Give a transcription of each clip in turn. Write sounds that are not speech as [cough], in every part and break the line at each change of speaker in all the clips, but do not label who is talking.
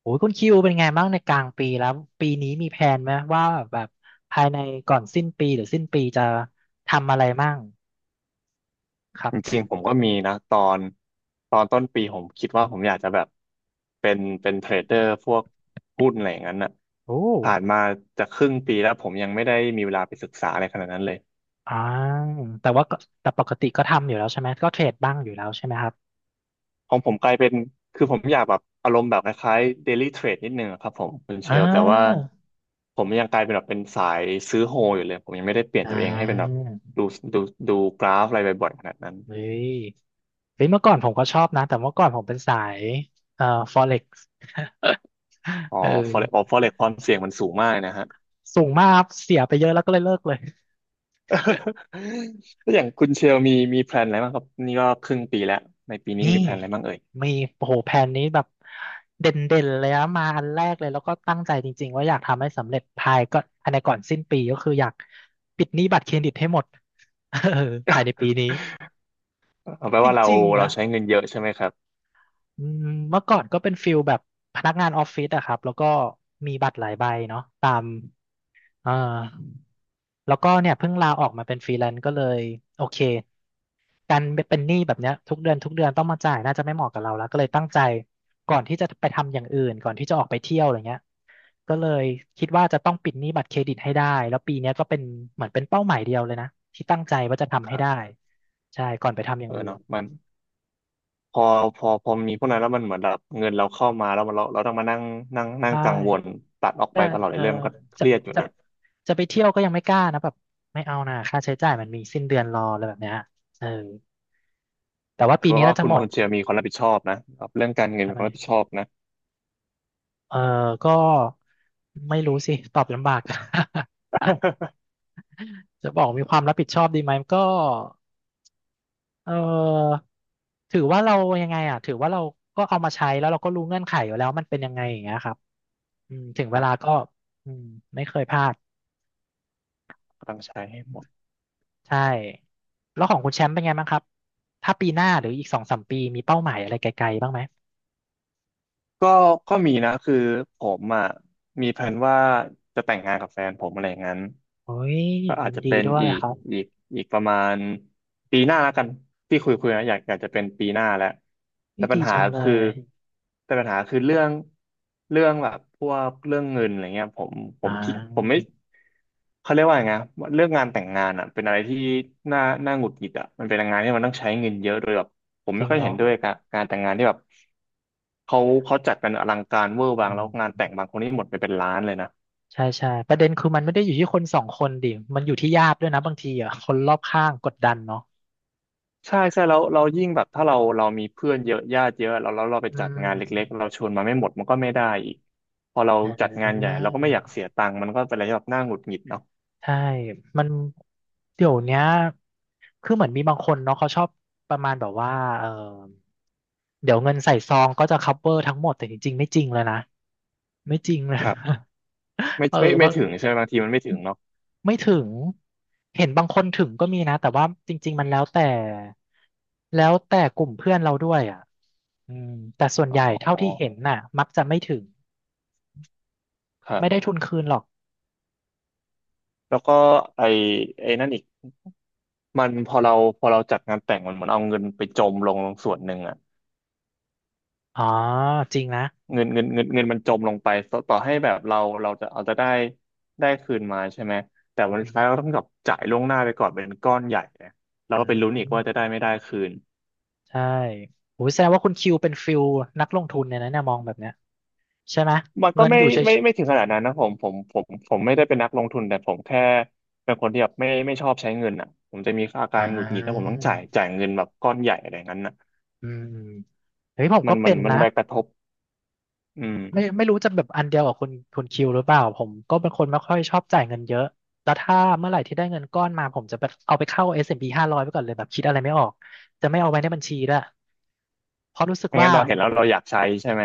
โอ้ยคุณคิวเป็นไงบ้างในกลางปีแล้วปีนี้มีแผนไหมว่าแบบภายในก่อนสิ้นปีหรือสิ้นปีจะทำอะไรมั่งครั
จ
บ
ริงๆผมก็มีนะตอนต้นปีผมคิดว่าผมอยากจะแบบเป็นเทรดเดอร์พวกหุ้นอะไรอย่างนั้นน่ะ
โอ้
ผ่านมาจะครึ่งปีแล้วผมยังไม่ได้มีเวลาไปศึกษาอะไรขนาดนั้นเลย
อ่าแต่ว่าก็แต่ปกติก็ทำอยู่แล้วใช่ไหมก็เทรดบ้างอยู่แล้วใช่ไหมครับ
ของผมกลายเป็นคือผมอยากแบบอารมณ์แบบคล้ายๆ daily trade นิดนึงอะครับผมคุณเช
อ่
ลแต่ว่า
า
ผมยังกลายเป็นแบบเป็นสายซื้อโฮอยู่เลยผมยังไม่ได้เปลี่ยน
อ่
ตัวเองให้เป็นแบบ
า
ดูดูดูกราฟอะไรบ่อยๆขนาดนั้น
เฮ้ยเฮ้ยเมื่อก่อนผมก็ชอบนะแต่เมื่อก่อนผมเป็นสายเอ่อ Forex
อ๋อ
เอ
forex อ๋อ
อ
forex ความเสี่ยงมันสูงมากนะฮะ
สูงมากครับเสียไปเยอะแล้วก็เลยเลิกเลย
[laughs] แล้วอย่างคุณเชลมีแพลนอะไรบ้างครับนี่ก็ครึ่งปีแล้วในปีนี้
มี
มีแพลนอะไรบ้างเอ่ย
มีโอ้โหแผนนี้แบบเด่นเด่นเลยนะมาอันแรกเลยแล้วก็ตั้งใจจริงๆว่าอยากทำให้สำเร็จภายก็ภายในก่อนสิ้นปีก็คืออยากปิดหนี้บัตรเครดิตให้หมด [laughs] เออภายในปีนี้
[laughs] เอาไปล
จ
ว่าเรา
ริงๆนะ
ใช้เงินเยอะใช่ไหมครับ
อืมเมื่อก่อนก็เป็นฟิลแบบพนักงานออฟฟิศอะครับแล้วก็มีบัตรหลายใบเนาะตามเออ แล้วก็เนี่ยเพิ่งลาออกมาเป็นฟรีแลนซ์ก็เลยโอเคการเป็นหนี้แบบเนี้ยทุกเดือนทุกเดือนต้องมาจ่ายน่าจะไม่เหมาะกับเราแล้วก็เลยตั้งใจก่อนที่จะไปทำอย่างอื่นก่อนที่จะออกไปเที่ยวอะไรเงี้ยก็เลยคิดว่าจะต้องปิดหนี้บัตรเครดิตให้ได้แล้วปีเนี้ยก็เป็นเหมือนเป็นเป้าหมายเดียวเลยนะที่ตั้งใจว่าจะทำ
ค
ให้
รั
ได้
บ
ใช่ก่อนไปทำอ
เอ
ย่าง
อ
อื่น
เนาะมันพอพอมีพวกนั้นแล้วมันเหมือนแบบเงินเราเข้ามาแล้วมันเราต้องมานั่งนั่งนั่ง
ใช่
กังวลตัดออก
แต่
ไปตลอด
เอ
เลย
อ
เรื่องมันก็เค
จะ
รียดอยู่
จะ
นะ
จะไปเที่ยวก็ยังไม่กล้านะแบบไม่เอานะค่าใช้จ่ายมันมีสิ้นเดือนรออะไรแบบเนี้ยเออแต่ว่าปี
เพราะ
นี้
ว่า
น่าจะ
คุณ
หมด
คุณเชลมีความรับผิดชอบนะครับเรื่องการเงิน
ทำ
มีค
ไม
วามรับผิดชอบนะ
เออก็ไม่รู้สิตอบลำบาก [laughs] จะบอกมีความรับผิดชอบดีไหมก็เออถือว่าเรายังไงอ่ะถือว่าเราก็เอามาใช้แล้วเราก็รู้เงื่อนไขอยู่แล้วมันเป็นยังไงอย่างเงี้ยครับอืมถึง
[laughs] ค
เว
รั
ลา
บ
ก็อืมไม่เคยพลาด
ต้องใช้ให้หมด
ใช่แล้วของคุณแชมป์เป็นไงบ้างครับถ้าปีหน้าหรืออีกสองสามปีมีเป้าหมายอะไรไกลๆบ้างไหม
ก็ก็มีนะคือผมอ่ะมีแผนว่าจะแต่งงานกับแฟนผมอะไรอย่างนั้น
โอ้ย
ก็อา
ยิ
จ
น
จะ
ดี
เป็น
ด้วย
อี
ค
ก
รับ
อีกอีกประมาณปีหน้าแล้วกันที่คุยนะอยากจะเป็นปีหน้าแล้วแต่
นี่
ปั
ดี
ญหา
จังเล
คือ
ย
แต่ปัญหาคือเรื่องแบบพวกเรื่องเงินอะไรเงี้ยผมผ
อ่า
มคิดผมไม่เขาเรียกว่าไงนะเรื่องงานแต่งงานอ่ะเป็นอะไรที่น่าหงุดหงิดอ่ะมันเป็นงานที่มันต้องใช้เงินเยอะโดยแบบ ผม
จ
ไม่
ริง
ค่อย
เหรอ
เห็นด้วยกับการแต่งงานที่แบบเขาเขาจัดกันอลังการเวอร์วั
อื
งแล้
ม
วงานแต่งบางคนนี่หมดไปเป็นล้านเลยนะ
ใช่ใช่ประเด็นคือมันไม่ได้อยู่ที่คนสองคนดิมันอยู่ที่ญาติด้วยนะบางทีอ่ะคนรอบข้างกดดันเนาะ
ใช่ใช่แล้วเรายิ่งแบบถ้าเรามีเพื่อนเยอะญาติเยอะแล้วเราไป
อื
จัดงานเล็กๆ
ม
เราชวนมาไม่หมดมันก็ไม่ได้อีกพอเรา
อ่
จัด
า
งานใหญ่เราก็ไม่อยากเสียตังค์มันก็เป็นอะไรที่แบบน่าหงุดหงิดเนาะ
ใช่มันเดี๋ยวเนี้ยคือเหมือนมีบางคนเนาะเขาชอบประมาณแบบว่าเออเดี๋ยวเงินใส่ซองก็จะ cover ทั้งหมดแต่จริงๆไม่จริงเลยนะไม่จริงเล
ค
ย
รับ
[laughs] เออ
ไม่
บาง
ถึงใช่ไหมบางทีมันไม่ถึงเนาะ
ไม่ถึง เห็นบางคนถึงก็มีนะแต่ว่าจริงๆมันแล้วแต่แล้วแต่กลุ่มเพื่อนเราด้วยอ่ะอืมแต่ส่วนใหญ่
อ๋อ
เท่าที่เห็นน่ะมักจะไม่ถึง
ครับ
ไม่ได้ทุนคืนหรอก
แล้วก็ไอนั่นอีกมันพอเราจัดงานแต่งมันเหมือนเอาเงินไปจมลงส่วนหนึ่งอะ
อ๋อจริงนะ
เงินมันจมลงไปต่อให้แบบเราจะเอาจะได้คืนมาใช่ไหมแต่
อื
วันสุด
ม
ท้ายเราต้องแบบจ่ายล่วงหน้าไปก่อนเป็นก้อนใหญ่เนี่ยเรา
อื
ก็ไปลุ้นอีกว่าจะได้
ม
ไม่ได้คืน
ใช่โอ้แสดงว่าคุณคิวเป็นฟิลนักลงทุนเนี่ยนะเนี่ยมองแบบเนี้ยใช่ไหม
มันก็
เงิน
ไม่
อยู่เฉย
ไม่ไม่ถึงขนาดนั้นนะผมไม่ได้เป็นนักลงทุนแต่ผมแค่เป็นคนที่แบบไม่ชอบใช้เงินอ่ะผมจะมีอา
ๆ
กา
อ่า
รหงุดหงิดถ้าผมต้องจ่ายเงินแบบก้อนใหญ่อะไรอย่างนั้นน่ะ
อืมเฮ้ยผม
มั
ก็
นมั
เป็
น
น
มัน
นะ
ไปกระทบอืม
ไม่รู้จะแบบอันเดียวกับคุณคิวหรือเปล่าผมก็เป็นคนไม่ค่อยชอบจ่ายเงินเยอะแล้วถ้าเมื่อไหร่ที่ได้เงินก้อนมาผมจะไปเอาไปเข้า S&P 500ไปก่อนเลยแบบคิดอะไรไม่ออกจะไม่เอาไว้ในบัญชีด้วยเพราะรู้สึก
ไม่งั้
ว่า
นเราเห็นแล้วเราอยากใช้ใช่ไหม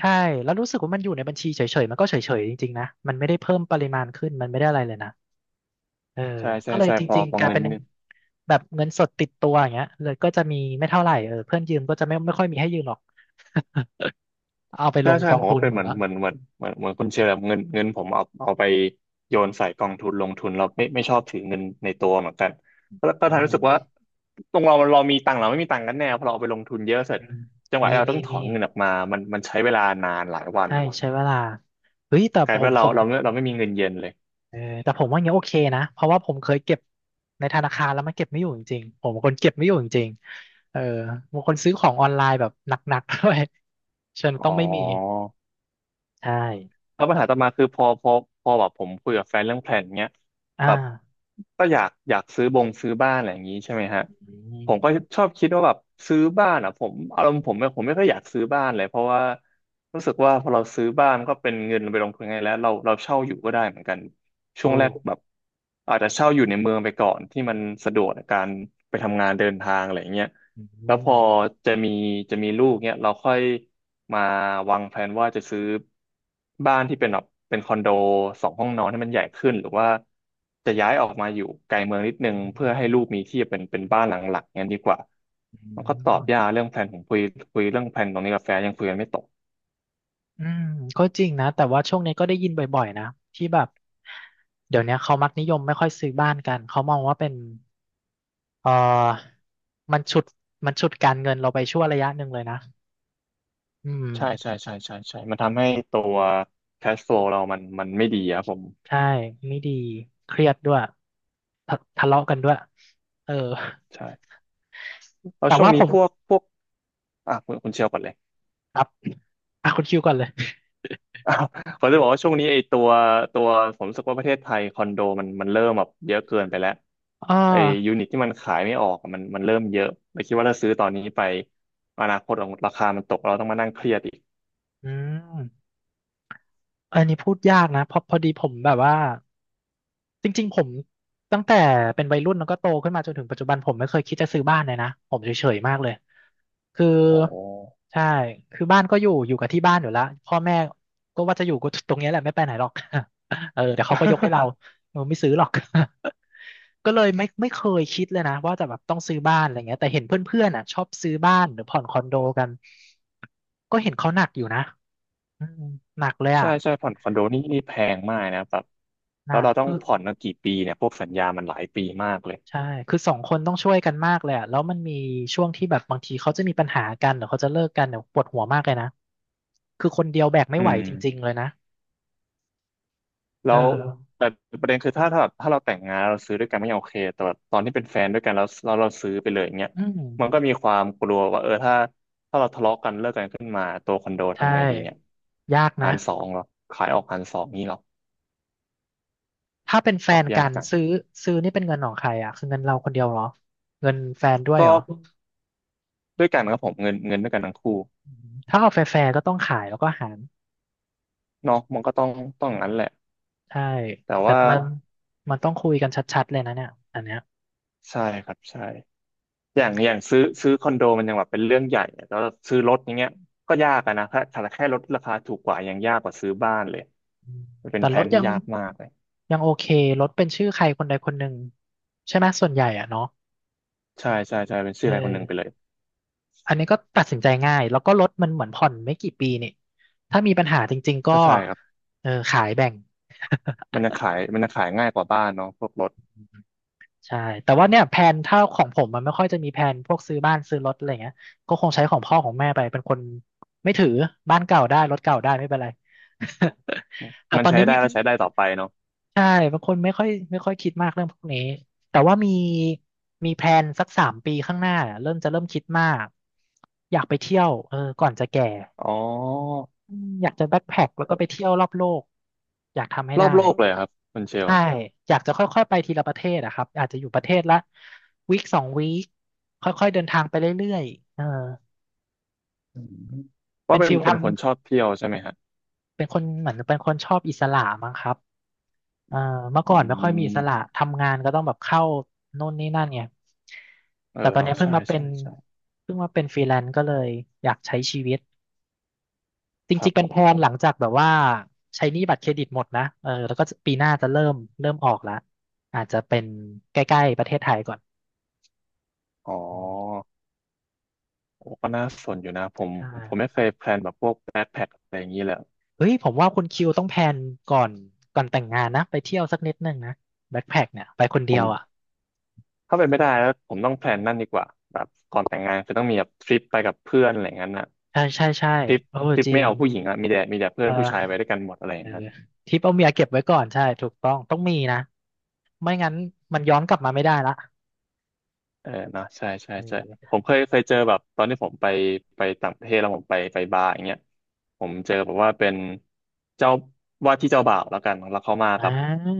ใช่แล้วรู้สึกว่ามันอยู่ในบัญชีเฉยๆมันก็เฉยๆจริงๆนะมันไม่ได้เพิ่มปริมาณขึ้นมันไม่ได้อะไรเลยนะเออ
ใช่ใช่
ก็เลย
ใช่
จ
พอ
ริงๆกลาย
เงิ
เป็
น
นแบบเงินสดติดตัวอย่างเงี้ยเลยก็จะมีไม่เท่าไหร่เออเพื่อนยืมก็จะไม่ค่อยมีให้ยืมหรอกเอาไปล
ใช่
ง
ใช่
กอ
ผ
ง
ม
ทุ
ก็
น
เป็น
หม
เห
ด
มือน
แล้ว
เหมือนเหมือนเหมือนเหมือนคุณเชลแบบเงินผมเอาไปโยนใส่กองทุนลงทุนเราไม่ชอบถือเงินในตัวเหมือนกันแล้วก็
อ่
ทำรู้สึกว่า
า
ตรงเรามีตังค์เราไม่มีตังค์กันแน่พอเราเอาไปลงทุนเยอะเสร็จ
อืม
จังหวะ
มี
ที่เรา
มี
ต้องถอ
มี
นเงินออกมามันใช้เวลานานหลายวัน
ใช่ใช้เวลาเฮ้ยแต่
ก
ผ
ลายเป็น
ม
ว่า
ผ
เรา
ม
เราไม่เราไม่มีเงินเย็นเลย
เออแต่ผมว่าอย่างเงี้ยโอเคนะเพราะว่าผมเคยเก็บในธนาคารแล้วมันเก็บไม่อยู่จริงๆผมเป็นคนเก็บไม่อยู่จริงๆเออบางคนซื้อของออนไลน์แบบหนักๆ [laughs] ด้วยฉันต้อ
อ๋
ง
อ
ไม่มีใช่
แล้วปัญหาต่อมาคือพอแบบผมคุยกับแฟนเรื่องแผนเนี้ย
อ่า
แบบก็อยากซื้อบงบ้านอะไรอย่างนี้ใช่ไหมฮะ
อื
ผมก็
ม
ชอบคิดว่าแบบซื้อบ้านอ่ะผมอารมณ์ผมไม่ค่อยอยากซื้อบ้านเลยเพราะว่ารู้สึกว่าพอเราซื้อบ้านมก็เป็นเงินไปลงทุนไงแล้วเราเช่าอยู่ก็ได้เหมือนกันช่วง
ถู
แรก
ก
แบบอาจจะเช่าอยู่ในเมืองไปก่อนที่มันสะดวกในการไปทำงานเดินทางอะไรอย่างเงี้ย
อื
แล้วพ
ม
อจะมีจะมีลูกเนี่ยเราค่อยมาวางแผนว่าจะซื้อบ้านที่เป็นแบบเป็นคอนโดสองห้องนอนให้มันใหญ่ขึ้นหรือว่าจะย้ายออกมาอยู่ไกลเมืองนิดนึง
อื
เพื่อให้
ม
ลูกมีที่เป็นบ้านหลังหลักงั้นดีกว่า
อื
มันก็ตอบยา
ม
กเรื่องแผนผมคุยเรื่องแผนตรงนี้กับแฟนยังคุยกันไม่ตก
อืมก็จริงนะแต่ว่าช่วงนี้ก็ได้ยินบ่อยๆนะที่แบบเดี๋ยวนี้เขามักนิยมไม่ค่อยซื้อบ้านกันเขามองว่าเป็น เออมันฉุดมันฉุดการเงินเราไปชั่วระยะหนึ่งเลยนะอืม
ใช่มันทำให้ตัว cash flow เรามันไม่ดีครับผม
ใช่ ไม่ดี เครียดด้วย ทะเลาะกันด้วย เออ
ใช่แล้ว
แต่
ช่วง
ว่าผ
นี้
ม
พวกอ่ะคุณเชียวก่อนเลย
ครับอ่ะคุณคิวก่อนเลย
[laughs] อ้าวผมจะบอกว่าช่วงนี้ไอ้ตัวตัวผมรู้สึกว่าประเทศไทยคอนโดมันเริ่มแบบเยอะเกินไปแล้ว
อ่า
ไอ้ยูนิตที่มันขายไม่ออกอะมันเริ่มเยอะเลยคิดว่าถ้าซื้อตอนนี้ไปอนาคตของราคามันตกเราต้องมานั่งเครียดอีก
อืม อันนี้พูดยากนะ เพราะพอดีผมแบบว่า จริงๆผมตั้งแต่เป็นวัยรุ่นแล้วก็โตขึ้นมาจนถึงปัจจุบันผมไม่เคยคิดจะซื้อบ้านเลยนะผมเฉยๆมากเลยคือ
โอ้
ใช่คือบ้านก็อยู่อยู่กับที่บ้านอยู่แล้วพ่อแม่ก็ว่าจะอยู่ก็ตรงเนี้ยแหละไม่ไปไหนหรอก [laughs] เออเดี๋ยวเขาก็ยกให้เรา
[laughs]
เออไม่ซื้อหรอก [laughs] ก็เลยไม่เคยคิดเลยนะว่าจะแบบต้องซื้อบ้านอะไรเงี้ยแต่เห็นเพื่อนๆอ่ะชอบซื้อบ้านหรือผ่อนคอนโดกันก็เห็นเขาหนักอยู่นะอืมหนักเลย
ใช่
อ่ะ
ใช่ผ่อนคอนโดนี่แพงมากนะแบบ
ห
แล้
นั
ว
ก
เราต้อง
คือ
ผ่อนกันกี่ปีเนี่ยพวกสัญญามันหลายปีมากเลย
ใช่ คือสองคนต้องช่วยกันมากเลยอะแล้วมันมีช่วงที่แบบบางทีเขาจะมีปัญหากันหรือเขาจะเลิกกันเนี่ยปวดหัวมากเลยนะ คือคนเดียวแบกไม่
อื
ไหว
ม
จริงๆเลยนะ
แล้
เออ
วแต่ประเด็นคือถ้าเราแต่งงานเราซื้อด้วยกันไม่ยังโอเคแต่ว่าตอนที่เป็นแฟนด้วยกันแล้วเราซื้อไปเลยอย่างเงี้ย
อื
มันก็
ม
มีความกลัวว่าเออถ้าเราทะเลาะกันเลิกกันขึ้นมาตัวคอนโด
ใช่
ทำไงดีเนี่ย
ยาก
หา
นะ
รสองเหรอขายออกหารสองนี่เหรอ
ถ้าเป็นแฟ
ตอบ
น
ยา
กั
ก
น
จัง
ซื้อซื้อนี่เป็นเงินของใครอ่ะคือเงินเราคนเดียวเหรอ เงินแฟนด้วยเหร
ก็
อ
ด้วยกันครับผมเงินด้วยกันทั้งคู่
อืมถ้าเอาแฟร์ๆก็ต้องขายแล้วก็หาร
เนาะมันก็ต้องอย่างนั้นแหละ
ใช่
แต่
แต่
ว่า
มันมันต้องคุยกันชัดๆเลยนะเนี่ยอันเนี้ย
ใช่ครับใช่ อย่างซื้อคอนโดมันยังแบบเป็นเรื่องใหญ่อะแล้วซื้อรถอย่างเงี้ยก็ยากอะนะถ้าแค่รถราคาถูกกว่ายังยากกว่าซื้อบ้านเลยมันเป็น
แต่
แพล
ร
น
ถ
ที่
ยัง
ยากมากเลย
ยังโอเครถเป็นชื่อใครคนใดคนหนึ่งใช่ไหมส่วนใหญ่อ่ะเนาะ
ใช่ใช่ใช่เป็นชื่
เอ
อใครคนหนึ่งไปเล
อ
ย
อันนี้ก็ตัดสินใจง่ายแล้วก็รถมันเหมือนผ่อนไม่กี่ปีนี่ถ้ามีปัญหาจริงๆก็
ก็ใช่ครับ
เออขายแบ่ง
มันจะขายง่ายกว่าบ้านเนาะพวกรถ
ใช่แต่ว่าเนี่ยแผนถ้าของผมมันไม่ค่อยจะมีแผนพวกซื้อบ้านซื้อรถอะไรเงี้ยก็คงใช้ของพ่อของแม่ไปเป็นคนไม่ถือบ้านเก่าได้รถเก่าได้ไม่เป็นไร [laughs] แต่
มัน
ตอน
ใช้
นี้
ได้
มี
ก็ใช้ได้ต่อไปเนาะ
ใช่บางคนไม่ค่อยคิดมากเรื่องพวกนี้แต่ว่ามีมีแพลนสัก3 ปีข้างหน้าเนี่ยเริ่มจะเริ่มคิดมากอยากไปเที่ยวก่อนจะแก่
อ๋อ
อืมอยากจะแบ็คแพ็คแล้วก็
เอ่อ
ไปเที่ยวรอบโลกอยากทำให้
รอ
ได้
บโลกเลยเหรอครับคุณเชล
ใช่อยากจะค่อยๆไปทีละประเทศอะครับ อาจจะอยู่ประเทศละวีคสองวีคค่อยๆเดินทางไปเรื่อยๆเออ
อืมเพ
เป็
ราะ
น
เป็น
ฟิลท
เป็นคนชอบเที่ยวใช่ไหมฮะ
ำเป็นคนเหมือนเป็นคนชอบอิสระมั้งครับเออเมื่อ
อื
ก่อนไม่ค่อยมีอิสระ
ม
ทำงานก็ต้องแบบเข้าโน่นนี่นั่นไง
เออ
แต่ตอน
เนาะ
นี้เพิ่ง
ใช่
มาเป็
ใช่
น
ใช่
เพิ่งมาเป็นฟรีแลนซ์ก็เลยอยากใช้ชีวิตจ
ครั
ริ
บ
งๆ
ผ
เป็นแพ
ม
ลนหลังจากแบบว่าใช้หนี้บัตรเครดิตหมดนะเออแล้วก็ปีหน้าจะเริ่มเริ่มออกละอาจจะเป็นใกล้ๆประเทศไทยก่อน
อ๋
อืม
อโอ้ก็น่าสนอยู่นะผม
ใช่
ผมไม่เคยแพลนแบบพวก อะไรอย่างนี้แหละ
เฮ้ยผมว่าคุณคิวต้องแพลนก่อนก่อนแต่งงานนะไปเที่ยวสักนิดนึงนะแบ็คแพ็คเนี่ยไปคน
ผ
เดีย
ม
วอ่ะ
ถ้าเป็นไม่ได้แล้วผมต้องแพลนนั่นดีกว่าแบบก่อนแต่งงานคือต้องมีแบบทริปไปกับเพื่อนอะไรอย่างนั้นน่ะ
ใช่ใช่ใช่
ทริป
โอ้จริ
ไม่
ง
เอาผู้หญิงอะมีแต่เพื่อ
เอ
นผู้ชายไป
อ
ด้วยกันหมดอะไรอ
เอ
ย่า
อ
งนั้น
ทริปเอาเมียเก็บไว้ก่อนใช่ถูกต้องต้องมีนะไม่งั้นมันย้อนกลับมาไม่ได้ละ
เออเนอะใช่ใช่
เอ
ใช่ผ
อ
มเคยเจอแบบตอนที่ผมไปต่างประเทศแล้วผมไปบาร์อย่างเงี้ยผมเจอแบบว่าเป็นเจ้าว่าที่เจ้าบ่าวแล้วกันแล้วเขามา
อ่า
กับ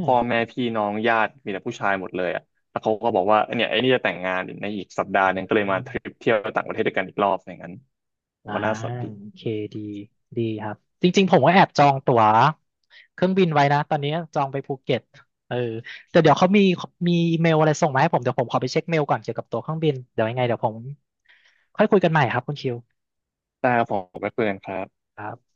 พ่อแม่พี่น้องญาติมีแต่ผู้ชายหมดเลยอ่ะแล้วเขาก็บอกว่าเนี่ยไอ้นี่จะแต่งงานในอีกสัปดาห์หนึงก็เลยมาทริปเที่ยวต่างประเทศด้วยกันอีกรอบอย่างนั้นผม
อ่า
ก็น่าสนดี
โอเคดีดีครับจริงๆผมก็แอบจองตั๋วเครื่องบินไว้นะตอนนี้จองไปภูเก็ตเออแต่เดี๋ยวเขามีมีอีเมลอะไรส่งมาให้ผมเดี๋ยวผมขอไปเช็คเมลก่อนเกี่ยวกับตั๋วเครื่องบินเดี๋ยวยังไงเดี๋ยวผมค่อยคุยกันใหม่ครับคุณคิว
แต่ผมไปคุยกันครับ
ครับ